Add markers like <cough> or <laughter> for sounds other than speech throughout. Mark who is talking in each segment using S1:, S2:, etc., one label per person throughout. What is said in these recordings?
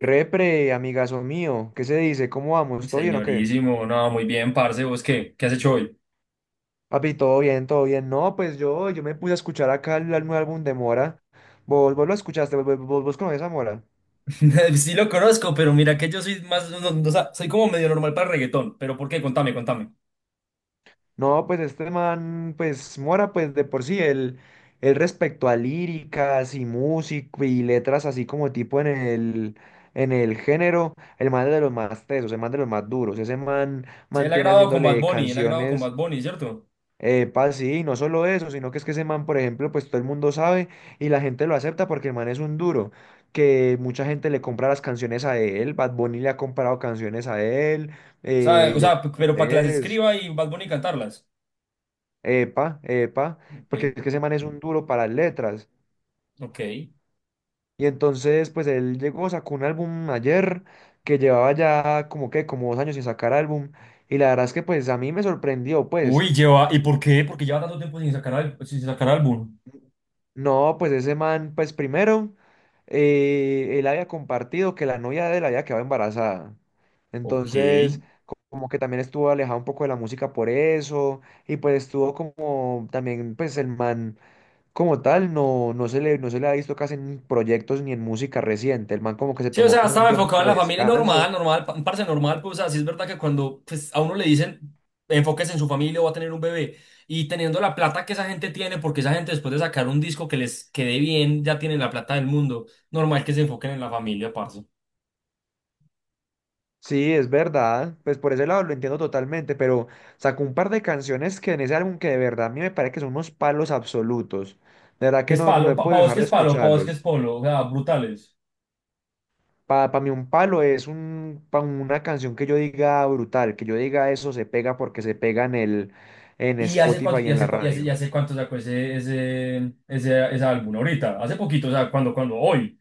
S1: Repre, amigazo mío, ¿qué se dice? ¿Cómo vamos? ¿Todo bien o qué?
S2: Señorísimo, no, muy bien, parce, ¿vos qué? ¿Qué has hecho hoy?
S1: Papi, todo bien, todo bien. No, pues yo me puse a escuchar acá el nuevo álbum de Mora. ¿Vos lo escuchaste? ¿Vos conoces a Mora?
S2: <laughs> Sí lo conozco, pero mira que yo soy más, no, o sea, soy como medio normal para el reggaetón, pero ¿por qué? Contame, contame.
S1: No, pues este man, pues Mora, pues de por sí, él respecto a líricas y música y letras así como tipo en el género, el man es de los más tesos, el man de los más duros. Ese man
S2: Sí, él ha
S1: mantiene
S2: grabado con Bad
S1: haciéndole
S2: Bunny, él ha grabado con
S1: canciones.
S2: Bad Bunny, ¿cierto?
S1: Epa, sí, no solo eso, sino que es que ese man, por ejemplo, pues todo el mundo sabe y la gente lo acepta porque el man es un duro, que mucha gente le compra las canciones a él, Bad Bunny le ha comprado canciones a él, eh, Ye-
S2: Pero para que las
S1: es,
S2: escriba y Bad Bunny cantarlas.
S1: epa, epa,
S2: Ok,
S1: porque es que ese man es un duro para las letras.
S2: ok.
S1: Y entonces, pues él llegó, sacó un álbum ayer que llevaba ya como que, como 2 años sin sacar álbum, y la verdad es que pues a mí me sorprendió, pues.
S2: Uy, lleva, ¿y por qué? Porque lleva tanto tiempo sin sacar, sin sacar álbum.
S1: No, pues ese man, pues primero, él había compartido que la novia de él había quedado embarazada.
S2: Ok.
S1: Entonces, como que también estuvo alejado un poco de la música por eso, y pues estuvo como también, pues el man como tal, no se le ha visto casi en proyectos ni en música reciente. El man como que se
S2: Sí, o
S1: tomó
S2: sea,
S1: como un
S2: estaba enfocado en
S1: tiempo
S2: la
S1: de
S2: familia normal,
S1: descanso.
S2: normal, un parce normal, pues, así es verdad que cuando pues, a uno le dicen enfóquese en su familia o va a tener un bebé y teniendo la plata que esa gente tiene, porque esa gente después de sacar un disco que les quede bien, ya tienen la plata del mundo, normal que se enfoquen en la familia, parce.
S1: Sí, es verdad, pues por ese lado lo entiendo totalmente, pero sacó un par de canciones que en ese álbum que de verdad a mí me parece que son unos palos absolutos. De verdad
S2: ¿Qué
S1: que
S2: es
S1: no
S2: palo?
S1: he
S2: Pa
S1: podido
S2: vos
S1: dejar
S2: qué
S1: de
S2: es palo, pa vos qué
S1: escucharlos.
S2: es polo, o sea, brutales.
S1: Para mí un palo es un, pa' una canción que yo diga brutal, que yo diga eso se pega porque se pega en
S2: ¿Y hace cuánto,
S1: Spotify y
S2: y
S1: en la
S2: hace, cua- y
S1: radio.
S2: hace cuánto sacó ese álbum? Ahorita, hace poquito, o sea, hoy.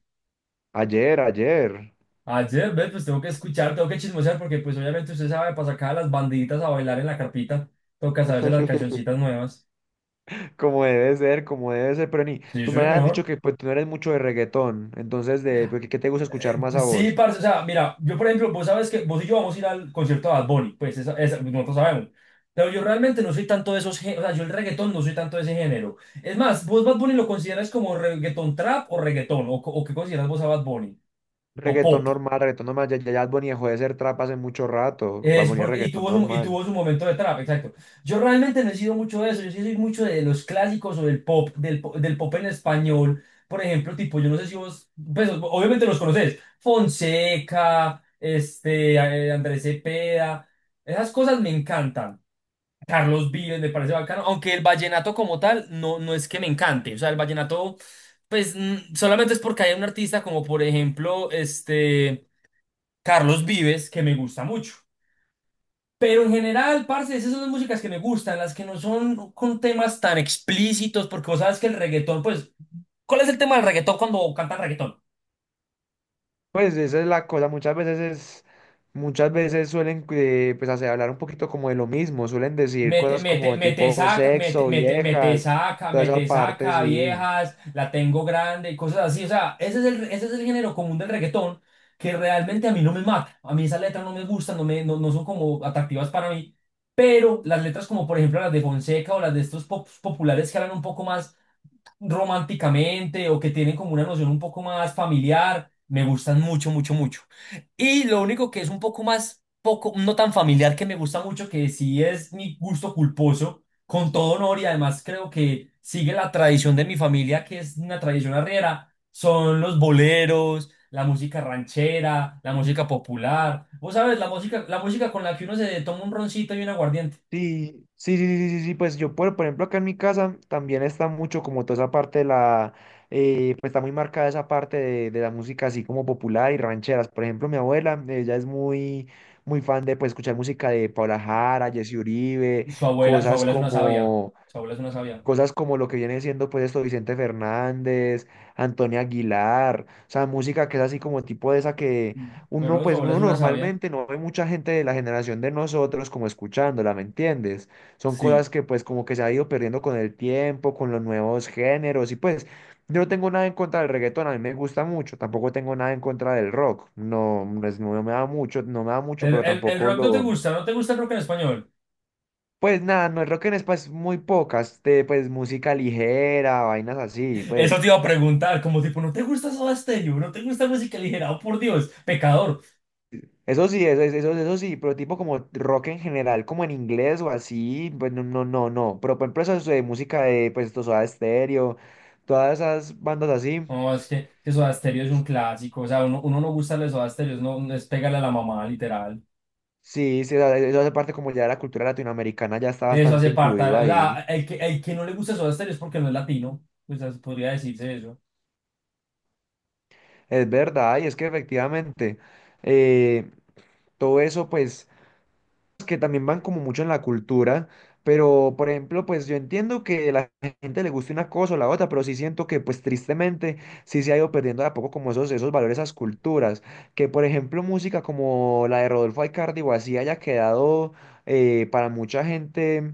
S1: Ayer, ayer.
S2: Ayer, ¿ves? Pues tengo que escuchar, tengo que chismosear, porque pues obviamente usted sabe, para sacar a las bandiditas a bailar en la carpita, toca saberse las
S1: <laughs>
S2: cancioncitas nuevas.
S1: Como debe ser, pero ni,
S2: Sí,
S1: tú me has dicho
S2: señor.
S1: que pues, tú no eres mucho de reggaetón, entonces de pues, ¿qué te gusta escuchar más a
S2: Pues sí,
S1: vos?
S2: parce, o sea, mira, yo por ejemplo, vos sabes que vos y yo vamos a ir al concierto de Bad Bunny, pues pues, nosotros sabemos. Pero yo realmente no soy tanto de esos géneros, o sea, yo el reggaetón no soy tanto de ese género. Es más, ¿vos Bad Bunny lo consideras como reggaetón trap o reggaetón? ¿O, o qué consideras vos a Bad Bunny? ¿O
S1: Reggaetón
S2: pop?
S1: normal, reggaetón normal. Ya Bad Bunny dejó de ser trap hace mucho rato. Bad
S2: Es
S1: Bunny es
S2: porque,
S1: reggaetón
S2: y
S1: normal.
S2: tuvo su momento de trap, exacto. Yo realmente no he sido mucho de eso, yo sí soy mucho de los clásicos o del pop, del pop en español. Por ejemplo, tipo, yo no sé si vos, pues obviamente los conocés, Fonseca, este, Andrés Cepeda, esas cosas me encantan. Carlos Vives me parece bacano, aunque el vallenato como tal no, no es que me encante, o sea, el vallenato, pues solamente es porque hay un artista como por ejemplo, este, Carlos Vives, que me gusta mucho. Pero en general, parce, esas son las músicas que me gustan, las que no son con temas tan explícitos, porque vos sabes que el reggaetón, pues, ¿cuál es el tema del reggaetón cuando cantan reggaetón?
S1: Pues esa es la cosa. Muchas veces suelen pues hacer hablar un poquito como de lo mismo. Suelen decir
S2: Mete,
S1: cosas
S2: mete,
S1: como
S2: mete,
S1: tipo
S2: saca, mete,
S1: sexo,
S2: mete,
S1: viejas, toda esa
S2: mete,
S1: parte,
S2: saca,
S1: sí.
S2: viejas, la tengo grande y cosas así. O sea, ese es el género común del reggaetón que realmente a mí no me mata. A mí esas letras no me gustan, no, me, no, no son como atractivas para mí. Pero las letras como, por ejemplo, las de Fonseca o las de estos populares que hablan un poco más románticamente o que tienen como una noción un poco más familiar, me gustan mucho, mucho, mucho. Y lo único que es un poco más, poco, no tan familiar que me gusta mucho, que sí es mi gusto culposo, con todo honor y además creo que sigue la tradición de mi familia, que es una tradición arriera, son los boleros, la música ranchera, la música popular. Vos sabes, la música con la que uno se toma un roncito y un aguardiente.
S1: Sí, sí, sí, sí, sí, sí, pues yo, por ejemplo, acá en mi casa también está mucho como toda esa parte de la, pues está muy marcada esa parte de la música así como popular y rancheras. Por ejemplo, mi abuela, ella es muy, muy fan de pues escuchar música de Paula Jara, Jesse Uribe,
S2: Su
S1: cosas
S2: abuela es una sabia.
S1: como...
S2: Su abuela es una sabia.
S1: Cosas como lo que viene siendo pues esto Vicente Fernández, Antonio Aguilar, o sea, música que es así como tipo de esa que uno
S2: Pero su
S1: pues
S2: abuela es
S1: uno
S2: una sabia.
S1: normalmente no ve mucha gente de la generación de nosotros como escuchándola, ¿me entiendes? Son cosas
S2: Sí.
S1: que pues como que se ha ido perdiendo con el tiempo, con los nuevos géneros y pues yo no tengo nada en contra del reggaetón, a mí me gusta mucho, tampoco tengo nada en contra del rock, no, pues, no me da mucho, no me da mucho, pero
S2: El
S1: tampoco
S2: rock no te
S1: lo
S2: gusta, no te gusta el rock en español.
S1: pues nada, no es rock en español, es muy pocas, de, pues música ligera, vainas así,
S2: Eso
S1: pues
S2: te iba a preguntar, como tipo, ¿no te gusta Soda Stereo? ¿No te gusta música ligera? Oh, por Dios, pecador.
S1: eso sí, eso sí, pero tipo como rock en general, como en inglés o así, pues no, pero por ejemplo eso es de música de, pues esto, Soda Stereo, todas esas bandas así,
S2: No, es que Soda Stereo es un clásico. O sea, uno no gusta de Soda Stereo, no, no es pegarle a la mamá, literal.
S1: sí, sí, o sea, eso hace parte como ya de la cultura latinoamericana, ya está
S2: Eso hace
S1: bastante
S2: parte.
S1: incluido
S2: O sea,
S1: ahí,
S2: el que no le gusta Soda Stereo es porque no es latino. Pues así podría decirse eso.
S1: es verdad, y es que efectivamente, eh, todo eso pues que también van como mucho en la cultura, pero por ejemplo, pues yo entiendo que la gente le guste una cosa o la otra, pero sí siento que pues tristemente sí se ha ido perdiendo de a poco como esos, esos valores, esas culturas, que por ejemplo música como la de Rodolfo Aicardi o así haya quedado para mucha gente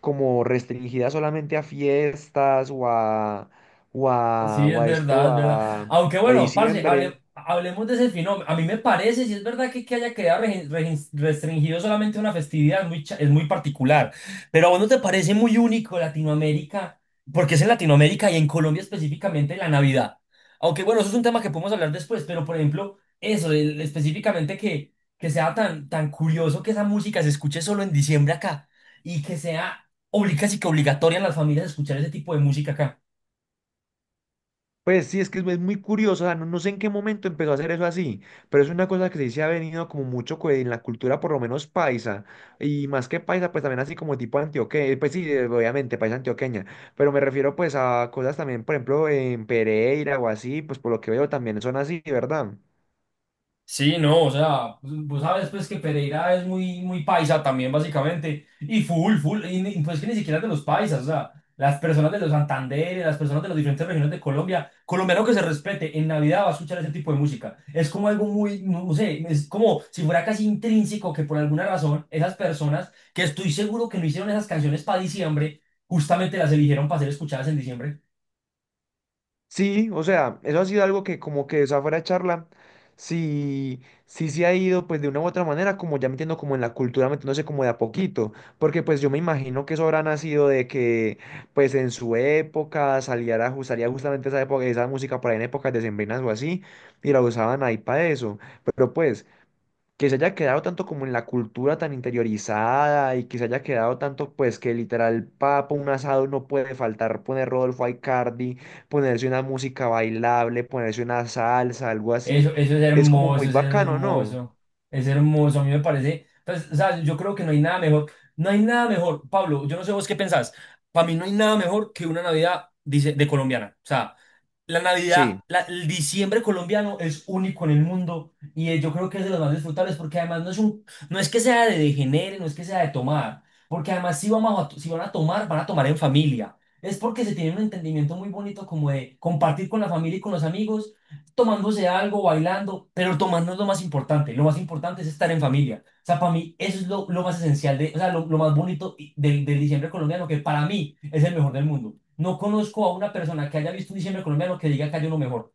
S1: como restringida solamente a fiestas o a,
S2: Sí,
S1: o
S2: es
S1: a esto,
S2: verdad, es verdad. Aunque
S1: a
S2: bueno, parce,
S1: diciembre.
S2: hablemos de ese fenómeno. A mí me parece, si es verdad que haya quedado restringido solamente una festividad, es muy, es muy particular. Pero a vos no te parece muy único Latinoamérica, porque es en Latinoamérica y en Colombia específicamente la Navidad. Aunque bueno, eso es un tema que podemos hablar después, pero por ejemplo, eso, específicamente que sea tan, tan curioso que esa música se escuche solo en diciembre acá y que sea casi que obligatoria en las familias escuchar ese tipo de música acá.
S1: Pues sí, es que es muy curioso, o sea, no, no sé en qué momento empezó a hacer eso así, pero es una cosa que sí se ha venido como mucho en la cultura, por lo menos paisa, y más que paisa, pues también así como tipo antioqueña, pues sí, obviamente, paisa antioqueña, pero me refiero pues a cosas también, por ejemplo, en Pereira o así, pues por lo que veo también son así, ¿verdad?
S2: Sí, no, o sea, pues, vos sabes pues que Pereira es muy, muy paisa también básicamente, y full, full, y pues que ni siquiera de los paisas, o sea, las personas de los Santanderes, las personas de las diferentes regiones de Colombia, colombiano que se respete, en Navidad va a escuchar ese tipo de música, es como algo muy, no no sé, es como si fuera casi intrínseco que por alguna razón esas personas que estoy seguro que no hicieron esas canciones para diciembre, justamente las eligieron para ser escuchadas en diciembre.
S1: Sí, o sea, eso ha sido algo que como que esa fuera de charla, sí, sí se ha ido pues de una u otra manera, como ya metiendo como en la cultura, metiéndose como de a poquito, porque pues yo me imagino que eso habrá nacido de que pues en su época saliera, salía justamente esa época, esa música por ahí en épocas decembrinas o así, y la usaban ahí para eso, pero pues que se haya quedado tanto como en la cultura tan interiorizada y que se haya quedado tanto pues que literal papo un asado no puede faltar poner Rodolfo Aicardi, ponerse una música bailable, ponerse una salsa, algo
S2: Eso,
S1: así,
S2: eso es
S1: es como
S2: hermoso,
S1: muy
S2: eso es
S1: bacano, ¿no?
S2: hermoso. Es hermoso, a mí me parece. Pues, o sea, yo creo que no hay nada mejor. No hay nada mejor, Pablo, yo no sé vos qué pensás. Para mí no hay nada mejor que una Navidad, dice, de colombiana. O sea, la Navidad,
S1: Sí.
S2: el diciembre colombiano es único en el mundo y yo creo que es de los más disfrutables porque además no es un, no es que sea de degenere, no es que sea de tomar, porque además si vamos a, si van a tomar, van a tomar en familia. Es porque se tiene un entendimiento muy bonito como de compartir con la familia y con los amigos, tomándose algo, bailando, pero tomar no es lo más importante es estar en familia. O sea, para mí eso es lo más esencial, de, o sea, lo más bonito del, del diciembre colombiano que para mí es el mejor del mundo. No conozco a una persona que haya visto un diciembre colombiano que diga que hay uno mejor.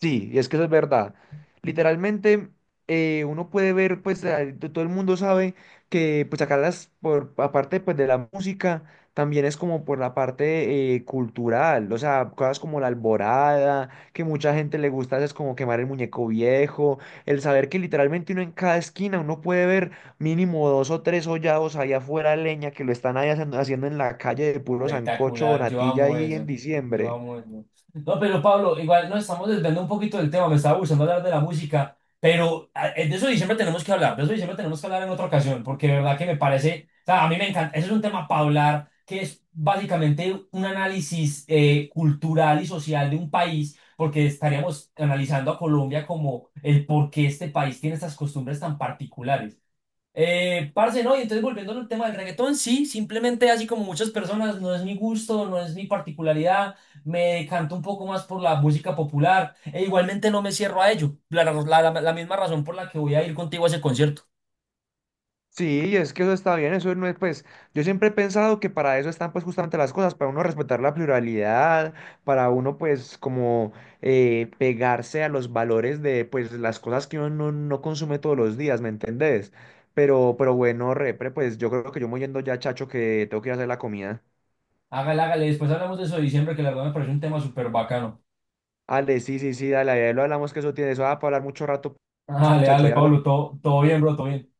S1: Sí, es que eso es verdad. Literalmente, uno puede ver, pues, todo el mundo sabe que, pues, acá las, por, aparte, pues, de la música, también es como por la parte cultural, o sea, cosas como la alborada, que mucha gente le gusta, es como quemar el muñeco viejo, el saber que literalmente uno en cada esquina, uno puede ver mínimo 2 o 3 hollados allá afuera, leña, que lo están ahí haciendo, haciendo en la calle de puro sancocho o
S2: Espectacular, yo
S1: natilla
S2: amo
S1: ahí en
S2: eso. Yo
S1: diciembre.
S2: amo eso. No, pero Pablo, igual nos estamos desviando un poquito del tema, me estaba gustando hablar de la música, pero de eso diciembre tenemos que hablar, de eso diciembre tenemos que hablar en otra ocasión, porque de verdad que me parece, o sea, a mí me encanta, ese es un tema para hablar, que es básicamente un análisis cultural y social de un país, porque estaríamos analizando a Colombia como el por qué este país tiene estas costumbres tan particulares. Parce, no, y entonces volviendo al tema del reggaetón, sí, simplemente así como muchas personas, no es mi gusto, no es mi particularidad, me decanto un poco más por la música popular, e igualmente no me cierro a ello, la misma razón por la que voy a ir contigo a ese concierto.
S1: Sí, es que eso está bien, eso no es, pues, yo siempre he pensado que para eso están, pues, justamente las cosas, para uno respetar la pluralidad, para uno, pues, como pegarse a los valores de, pues, las cosas que uno no consume todos los días, ¿me entendés? Pero bueno, repre, pues, yo creo que yo me voy yendo ya, chacho, que tengo que ir a hacer la comida.
S2: Hágale, hágale, después hablamos de eso de diciembre, que la verdad me parece un tema súper bacano.
S1: Ale, sí, sí, sí, dale, ahí lo hablamos, que eso tiene, eso va para hablar mucho rato, pues,
S2: Dale,
S1: chacho,
S2: dale,
S1: ahí
S2: Pablo,
S1: hablamos.
S2: todo, todo bien, bro, todo bien.